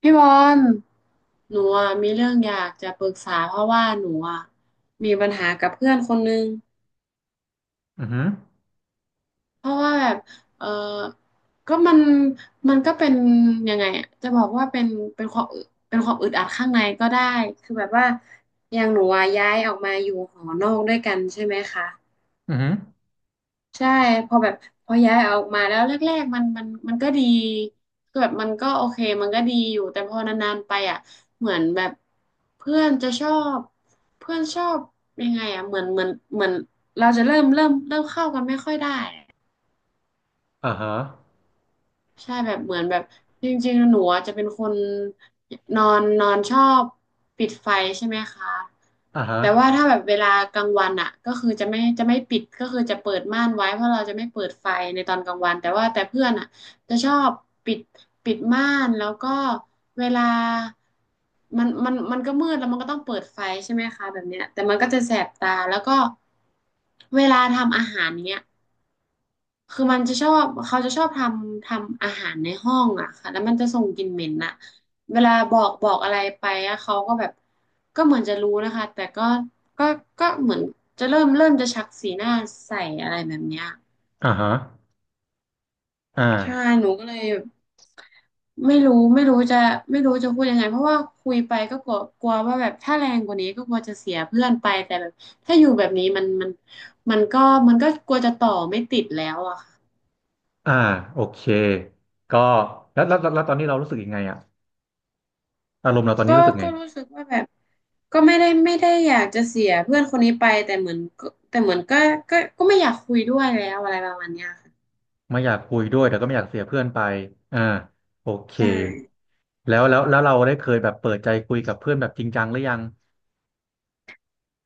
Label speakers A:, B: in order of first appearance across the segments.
A: พี่บอลหนูอะมีเรื่องอยากจะปรึกษาเพราะว่าหนูอะมีปัญหากับเพื่อนคนนึง
B: อือหือ
A: เพราะว่าแบบเออก็มันก็เป็นยังไงอะจะบอกว่าเป็นเป็นความอึเป็นความอึดอัดข้างในก็ได้คือแบบว่าอย่างหนูอะย้ายออกมาอยู่หอนอกด้วยกันใช่ไหมคะ
B: อือหือ
A: ใช่พอแบบพอย้ายออกมาแล้วแรกๆมันก็ดีก็แบบมันก็โอเคมันก็ดีอยู่แต่พอนานๆไปอ่ะเหมือนแบบเพื่อนจะชอบเพื่อนชอบยังไงอ่ะเหมือนเราจะเริ่มเข้ากันไม่ค่อยได้
B: อ่าฮะ
A: ใช่แบบเหมือนแบบจริงๆหนูอะจะเป็นคนนอนนอนชอบปิดไฟใช่ไหมคะ
B: อ่าฮะ
A: แต่ว่าถ้าแบบเวลากลางวันอ่ะก็คือจะไม่ปิดก็คือจะเปิดม่านไว้เพราะเราจะไม่เปิดไฟในตอนกลางวันแต่เพื่อนอ่ะจะชอบปิดปิดม่านแล้วก็เวลามันก็มืดแล้วมันก็ต้องเปิดไฟใช่ไหมคะแบบเนี้ยแต่มันก็จะแสบตาแล้วก็เวลาทำอาหารเนี้ย คือมันจะชอบเขาจะชอบทำอาหารในห้องอ่ะค่ะแล้วมันจะส่งกลิ่นเหม็นอ่ะเวลาบอกอะไรไปอะเขาก็แบบก็เหมือนจะรู้นะคะแต่ก็ก็เหมือนจะเริ่มจะชักสีหน้าใส่อะไรแบบเนี้ย
B: อ่าฮะอ่า
A: ไม่ไม่รู้ไม่รู้จะไม่รู้จะพูดยังไงเพราะว่าคุยไปก็กลัวกลัวว่าแบบถ้าแรงกว่านี้ก็กลัวจะเสียเพื่อนไปแต่แบบถ้าอยู่แบบนี้มันมันก็มันก็กลัวจะต่อไม่ติดแล้วอะค่ะ
B: อ่าโอเคก็แล้วตอนนี้เรารู้สึกยังไงอะอารมณ์เราตอนนี้
A: ก็
B: รู้สึกไง
A: ก็รู้สึกว่าแบบก็ไม่ได้อยากจะเสียเพื่อนคนนี้ไปแต่เหมือนก็ไม่อยากคุยด้วยแล้วอะไรประมาณเนี้ยค่ะ
B: ไม่อยากคุยด้วยแต่ก็ไม่อยากเสียเพื่อนไปอ่าโอเค
A: ใช่
B: แล้วเราได้เคยแบบเปิดใจคุยกับเพื่อนแบบจริงจังหรือยัง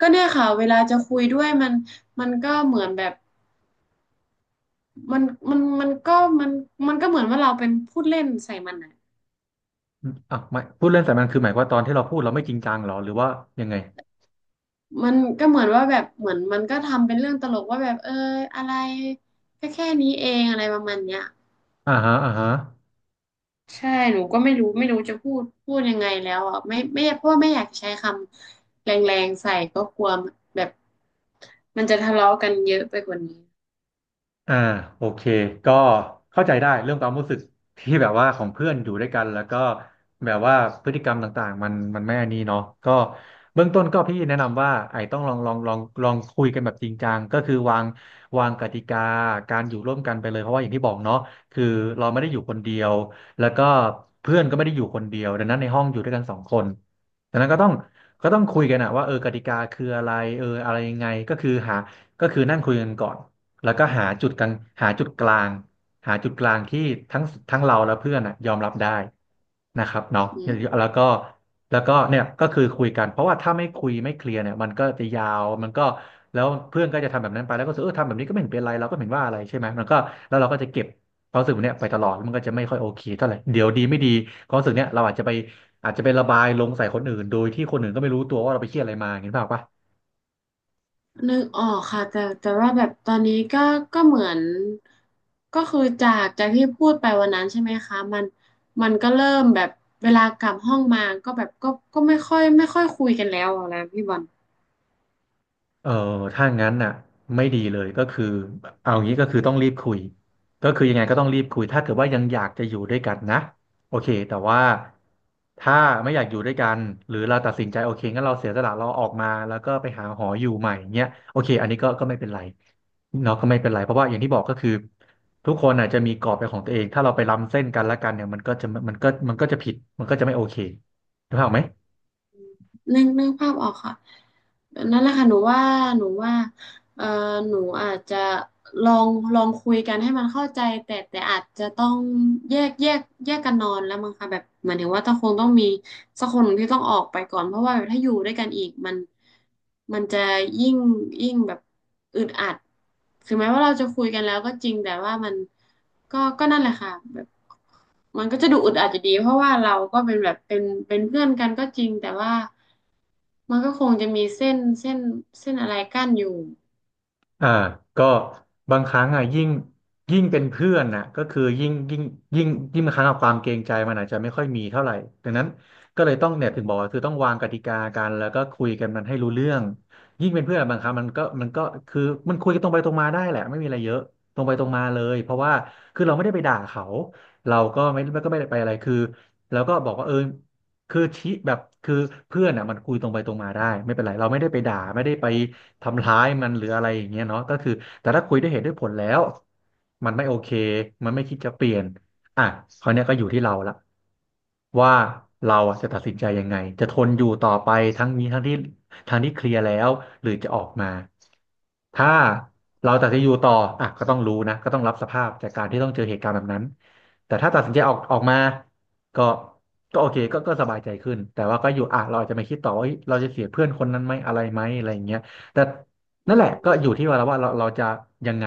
A: ก็เนี่ยค่ะเวลาจะคุยด้วยมันก็เหมือนแบบมันมันมันก็มันมันก็เหมือนว่าเราเป็นพูดเล่นใส่มันอ่ะ
B: อ่ะไม่พูดเล่นแต่มันคือหมายความว่าตอนที่เราพูดเราไม่จริงจังเหรอหรือว่ายังไง
A: มันก็เหมือนว่าแบบเหมือนมันก็ทำเป็นเรื่องตลกว่าแบบอะไรแค่นี้เองอะไรประมาณเนี้ย
B: อ่าฮะอ่าฮะ
A: ใช่หนูก็ไม่รู้จะพูดยังไงแล้วอ่ะไม่เพราะว่าไม่อยากใช้คำแรงๆใส่ก็กลัวแบบมันจะทะเลาะกันเยอะไปกว่านี้
B: อ่าโอเคก็เข้าใจได้เรื่องความรู้สึกที่แบบว่าของเพื่อนอยู่ด้วยกันแล้วก็แบบว่าพฤติกรรมต่างๆมันไม่อันนี้เนาะก็เบื้องต้นก็พี่แนะนำว่าไอ้ต้องลองคุยกันแบบจริงจังก็คือวางกติกาการอยู่ร่วมกันไปเลยเพราะว่าอย่างที่บอกเนาะคือเราไม่ได้อยู่คนเดียวแล้วก็เพื่อนก็ไม่ได้อยู่คนเดียวดังนั้นในห้องอยู่ด้วยกันสองคนดังนั้นก็ต้องคุยกันอะว่าเออกติกาคืออะไรเอออะไรยังไงก็คือหาก็คือนั่งคุยกันก่อน แล้วก็หาจุดกลางหาจุดกลางที่ทั้งทั้งเราและเพื่อนน่ะยอมรับได้นะครับเนาะ
A: อืม
B: แล้วก็แล้วก็เนี่ยก็คือคุยกันเพราะว่าถ้าไม่คุยไม่เคลียร์เนี่ยมันก็จะยาวมันก็แล้วเพื่อนก็จะทำแบบนั้นไปแล้วก็รู้สึกเออทำแบบนี้ก็ไม่เห็นเป็นไรเราก็ไม่เห็นว่าอะไรใช่ไหมมันก็แล้วเราก็จะเก็บความรู้สึกเนี้ยไปตลอดมันก็จะไม่ค่อยโอเคเท่าไหร่เดี๋ยวดีไม่ดีความรู้สึกเนี้ยเราอาจจะไปอาจจะไประบายลงใส่คนอื่นโดยที่คนอื่นก็ไม่รู้ตัวว่าเราไปเครียดอะไรมาเห็นเปล่าปะ
A: นึกออกค่ะแต่ว่าแบบตอนนี้ก็เหมือนก็คือจากที่พูดไปวันนั้นใช่ไหมคะมันก็เริ่มแบบเวลากลับห้องมาก็แบบก็ไม่ค่อยคุยกันแล้วอะนะพี่บอล
B: เออถ้างั้นน่ะไม่ดีเลยก็คือเอางี้ก็คือต้องรีบคุยก็คือยังไงก็ต้องรีบคุยถ้าเกิดว่ายังอยากจะอยู่ด้วยกันนะโอเคแต่ว่าถ้าไม่อยากอยู่ด้วยกันหรือเราตัดสินใจโอเคงั้นเราเสียสละเราออกมาแล้วก็ไปหาหออยู่ใหม่เงี้ยโอเคอันนี้ก็ไม่เป็นไรเนาะก็ไม่เป็นไรเพราะว่าอย่างที่บอกก็คือทุกคนอาจจะมีกรอบเป็นของตัวเองถ้าเราไปล้ำเส้นกันและกันเนี่ยมันก็จะผิดมันก็จะไม่โอเคถูกไหม
A: นึกภาพออกค่ะนั่นแหละค่ะหนูว่าเอ่อหนูอาจจะลองลองคุยกันให้มันเข้าใจแต่อาจจะต้องแยกแยกแยกกันนอนแล้วมั้งค่ะแบบเหมือนถึงว่าต้องคงต้องมีสักคนหนึ่งที่ต้องออกไปก่อนเพราะว่าแบบถ้าอยู่ด้วยกันอีกมันจะยิ่งยิ่งแบบอึดอัดถึงแม้ว่าเราจะคุยกันแล้วก็จริงแต่ว่ามันก็นั่นแหละค่ะแบบมันก็จะดูอึดอัดอยู่ดีเพราะว่าเราก็เป็นแบบเป็นเป็นเพื่อนกันก็จริงแต่ว่า มันก็คงจะมีเส้นอะไรกั้นอยู่
B: อ่าก็บางครั้งอ่ะยิ่งเป็นเพื่อนน่ะก็คือยิ่งยิ่งบางครั้งอะความเกรงใจมันอาจจะไม่ค่อยมีเท่าไหร่ดังนั้นก็เลยต้องเนี่ยถึงบอกว่าคือต้องวางกติกากันแล้วก็คุยกันมันให้รู้เรื่องยิ่งเป็นเพื่อนอะบางครั้งมันก็คือมันคุยกันตรงไปตรงมาได้แหละไม่มีอะไรเยอะตรงไปตรงมาเลยเพราะว่าคือเราไม่ได้ไปด่าเขาเราก็ไม่ก็ไม่ได้ไปอะไรคือแล้วก็บอกว่าเออ คือชี้แบบคือเพื่อนอ่ะมันคุยตรงไปตรงมาได้ไม่เป็นไรเราไม่ได้ไปด่าไม่ได้ไปทำร้ายมันหรืออะไรอย่างเงี้ยเนาะก็คือแต่ถ้าคุยด้วยเหตุด้วยผลแล้วมันไม่โอเคมันไม่คิดจะเปลี่ยนอ่ะคราวเนี้ยก็อยู่ที่เราละว่าเราอ่ะจะตัดสินใจยังไงจะทนอยู่ต่อไปทั้งนี้ทั้งที่ทั้งที่เคลียร์แล้วหรือจะออกมาถ้าเราตัดสินใจอยู่ต่ออ่ะก็ต้องรู้นะก็ต้องรับสภาพจากการที่ต้องเจอเหตุการณ์แบบนั้นแต่ถ้าตัดสินใจออกออกมา ก็ก็โอเคก็สบายใจขึ้นแต่ว่าก็อยู่อ่ะเราอาจจะไม่คิดต่อว่าเฮ้ยเราจะเสียเพื่อนคนนั้นไหมอะไรไหมอะไรอย่างเงี้ยแต่
A: อื
B: นั่นแหละก็อยู่ที่
A: ม
B: ว่าเราจะยังไง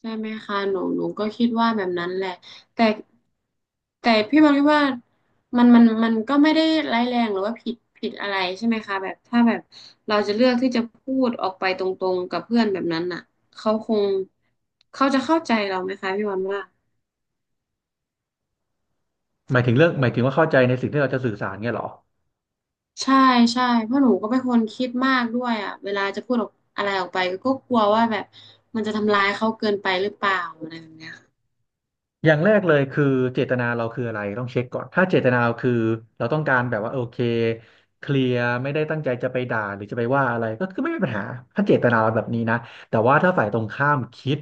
A: ใช่ไหมคะหนูก็คิดว่าแบบนั้นแหละแต่แต่พี่บอลคิดว่ามันก็ไม่ได้ร้ายแรงหรือว่าผิดอะไรใช่ไหมคะแบบถ้าแบบเราจะเลือกที่จะพูดออกไปตรงๆกับเพื่อนแบบนั้นน่ะเขาคงเขาจะเข้าใจเราไหมคะพี่บอลว่า
B: หมายถึงเรื่องหมายถึงว่าเข้าใจในสิ่งที่เราจะสื่อสารเงี้ยเหรอ
A: ใช่ใช่เพราะหนูก็เป็นคนคิดมากด้วยอ่ะเวลาจะพูดออกอะไรออกไปก็กลัวว่าแบบมันจะทำร้ายเขาเกินไปหรือเปล่าอะไรแบบเนี้ย
B: อย่างแรกเลยคือเจตนาเราคืออะไรต้องเช็คก่อนถ้าเจตนาเราคือเราต้องการแบบว่าโอเคเคลียร์ไม่ได้ตั้งใจจะไปด่าหรือจะไปว่าอะไรก็คือไม่มีปัญหาถ้าเจตนาเราแบบนี้นะแต่ว่าถ้าฝ่ายตรงข้ามคิด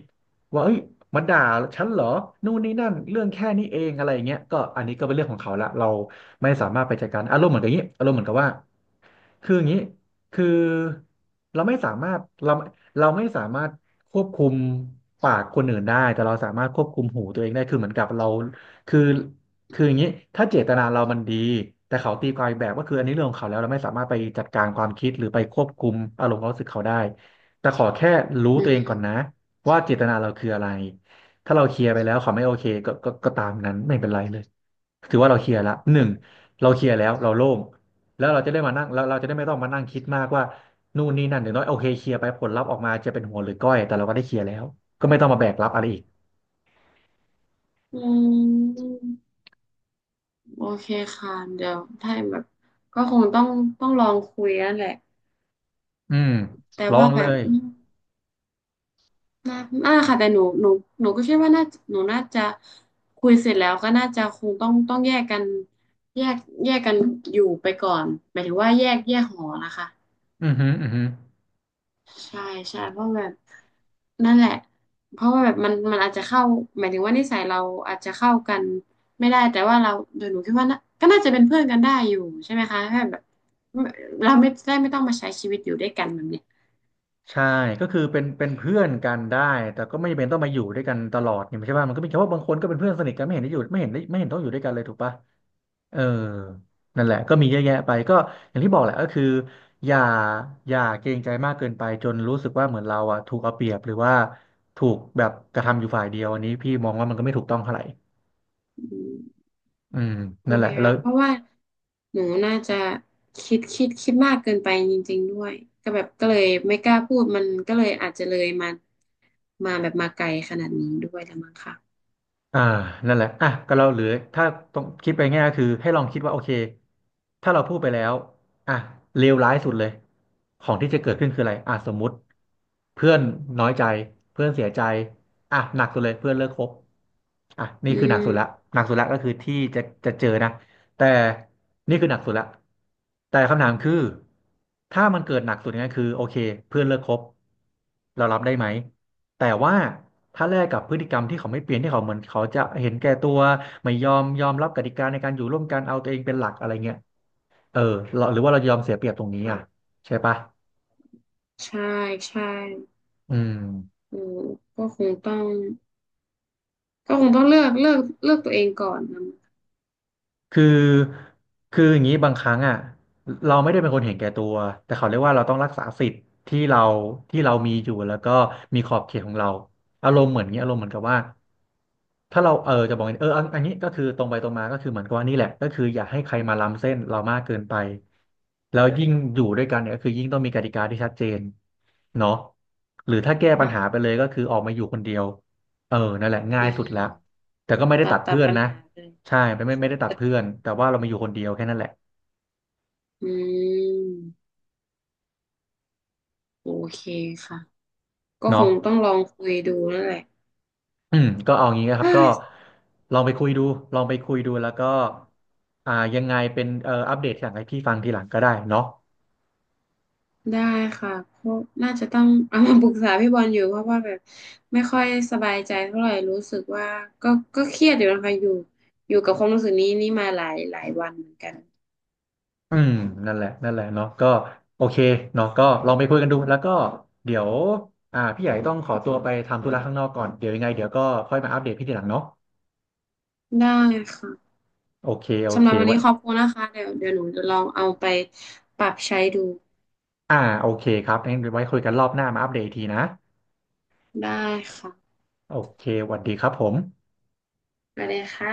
B: ว่าเอ้ยมันด่าฉันเหรอนู่นนี่นั่นเรื่องแค่นี้เองอะไรอย่างเงี้ยก็อันนี้ก็เป็นเรื่องของเขาละเราไม่สามารถไปจัดการอารมณ์เหมือนกับอย่างนี้อารมณ์เหมือนกับว่าคืออย่างนี้ คือเราเราไม่สามารถควบคุมปากคนอื่นได้แต่เราสามารถควบคุมหูตัวเองได้คือเหมือนกับเราคือคืออย่างนี้ถ้าเจตนาเรามันดีแต่เขาตีความอีกแบบก็คืออันนี้เรื่องของเขาแล้วเราไม่สามารถไปจัดการความคิดหรือไปควบคุมอารมณ์ความรู้สึกเขาได้แต่ขอแค่รู้
A: อื
B: ตัวเองก่อน
A: ม
B: นะว่าเจตนาเราคืออะไรถ้าเราเคลียร์ไปแล้วเขาไม่โอเคก็ตามนั้นไม่เป็นไรเลยถือว่าเราเคลียร์ละหนึ่งเราเคลียร์แล้วเราโล่ง แล้วเราจะได้ไม่ต้องมานั่งคิดมากว่านู่นนี่นั่นอย่างน้อยโอเคเคลียร์ไปผลลัพธ์ออกมาจะเป็นหัวหรือก้อยแต่เราก็ได้เคลียร์แล้วก็ไม่ต้องมาแบกรับอะไรอีก
A: อืมโอเคค่ะ เดี๋ยวถ้าแบบก็คงต้องลองคุยนั่นแหละ
B: อืม
A: แต่
B: ลอ
A: ว่า
B: ง
A: แบ
B: เล
A: บ
B: ย
A: อืมน่าน่าค่ะ แต่หนูก็คิดว่าหนูน่าจะคุยเสร็จแล้วก็น่าจะคงต้องแยกแยกกันอยู่ไปก่อนหมายถึงว่าแยกหอนะคะ
B: อือหืออือหือ
A: ใช่ใช่เพราะแบบนั่นแหละเพราะว่าแบบมันอาจจะเข้าหมายถึงว่านิสัยเราอาจจะเข้ากันไม่ได้แต่ว่าเราโดยหนูคิดว่าน่ะก็น่าจะเป็นเพื่อนกันได้อยู่ใช่ไหมคะแค่แบบเราไม่ต้องมาใช้ชีวิตอยู่ด้วยกันแบบเนี้ย
B: ใช่ก็คือเป็นเพื่อนกันได้แต่ก็ไม่จำเป็นต้องมาอยู่ด้วยกันตลอดเนี่ยใช่ป่ะมันก็มีแค่ว่าบางคนก็เป็นเพื่อนสนิทกันไม่เห็นได้อยู่ไม่เห็นได้ไม่เห็นต้องอยู่ด้วยกันเลยถูกป่ะ เออนั่นแหละก็มีเยอะแยะไปก็อย่างที่บอกแหละก็คืออย่าอย่าเกรงใจมากเกินไปจนรู้สึกว่าเหมือนเราอ่ะถูกเอาเปรียบหรือว่าถูกแบบกระทำอยู่ฝ่ายเดียวอันนี้พี่มองว่ามันก็ไม่ถูกต้องเท่าไหร่
A: อืม
B: อืม
A: โอ
B: นั่นแห
A: เค
B: ละแล้ว
A: ค่ะเพราะว่าหนูน่าจะคิดมากเกินไปจริงๆด้วยก็แบบก็เลยไม่กล้าพูดมันก็เลยอาจจะเลยมามาแบบมาไกลขนาดนี้ด้วยละมั้งค่ะ
B: อ่านั่นแหละอ่ะก็เราเหลือถ้าต้องคิดไปง่ายก็คือให้ลองคิดว่าโอเคถ้าเราพูดไปแล้วอ่ะเลวร้ายสุดเลยของที่จะเกิดขึ้นคืออะไรอ่ะสมมุติเพื่อนน้อยใจเพื่อนเสียใจอ่ะหนักสุดเลยเพื่อนเลิกคบอ่ะนี่
A: อื
B: คือหนักสุดละ
A: ม
B: หนักสุดละก็คือที่จะจะเจอนะแต่นี่คือหนักสุดละแต่คำถามคือถ้ามันเกิดหนักสุดเนี่ยคือโอเคเพื่อนเลิกคบเรารับได้ไหมแต่ว่า ถ้าแลกกับพฤติกรรมที่เขาไม่เปลี่ยนที่เขาเหมือนเขาจะเห็นแก่ตัวไม่ยอมยอมรับกติกาในการอยู่ร่วมกันเอาตัวเองเป็นหลักอะไรเงี้ยเออเราหรือว่าเรายอมเสียเปรียบตรงนี้อ่ะใช่ปะ
A: ใช่ใช่
B: อืม
A: อืมก็คงต้องก็คงต้องเลือกตัวเองก่อนนะ
B: คือคืออย่างนี้บางครั้งอ่ะเราไม่ได้เป็นคนเห็นแก่ตัวแต่เขาเรียกว่าเราต้องรักษาสิทธิ์ที่เราที่เรามีอยู่แล้วก็มีขอบเขตของเราอารมณ์เหมือนอย่างนี้อารมณ์เหมือนกับว่าถ้าเราเออจะบอกอย่างนี้เอออันนี้ก็คือตรงไปตรงมาก็คือเหมือนกับว่านี่แหละก็คืออย่าให้ใครมาล้ำเส้นเรามากเกินไปแล้วยิ่งอยู่ด้วยกันเนี่ยก็คือยิ่งต้องมีกติกาที่ชัดเจนเนาะหรือถ้าแก้ปัญหาไป
A: ค่ะ
B: เลยก็คือออกมาอยู่คนเดียวเออนั่นแหละง่า
A: อื
B: ยสุด
A: ม
B: ละแต่ก็ไม่ได้
A: ตั
B: ตั
A: ด
B: ด
A: ตั
B: เพื่
A: ด
B: อน
A: ปัญ
B: นะ
A: หาเลย
B: ใช่ไม่ได้ตัดเพื่อนแต่ว่าเรามาอยู่คนเดียวแค่นั้นแหละ
A: อืมโอเคค่ะก็ค
B: เนาะ
A: งต้องลองคุยดูนั่นแหละ
B: อืมก็เอางี้นะครับก็
A: อ่า
B: ลองไปคุยดูลองไปคุยดูแล้วก็อ่ายังไงเป็นอัปเดตอยหลงให้พี่ฟังทีหลังก็ได้เนาะ
A: ได้ค่ะก็น่าจะต้องเอามาปรึกษาพี่บอลอยู่เพราะว่าแบบไม่ค่อยสบายใจเท่าไหร่รู้สึกว่าก็ก็เครียดอยู่นะคะอยู่กับความรู้สึกนี้นี่มาหลายวันเหมือนกัน
B: อืมนั่นแหละนั่นแหละเนาะก็โอเคเนาะก็ลองไปคุยกันดูแล้วก็เดี๋ยวพี่ใหญ่ต้องขอตัวไปทำธุระข้างนอกก่อนเดี๋ยวยังไงเดี๋ยวก็ค่อยมาอัปเดตพี่ทีหลังเนาะ
A: ได้ค่ะ
B: โอเคโอ
A: สำห
B: เค
A: รับวัน
B: ไว้
A: นี้ขอบคุณนะคะเดี๋ยวหนูจะลองเอาไปปรับใช้ดู
B: โอเคครับงั้นเดี๋ยวไว้คุยกันรอบหน้ามาอัปเดตอีกทีนะ
A: ได้ค่ะ
B: โอเคสวัสดีครับผม
A: ไปเลยค่ะ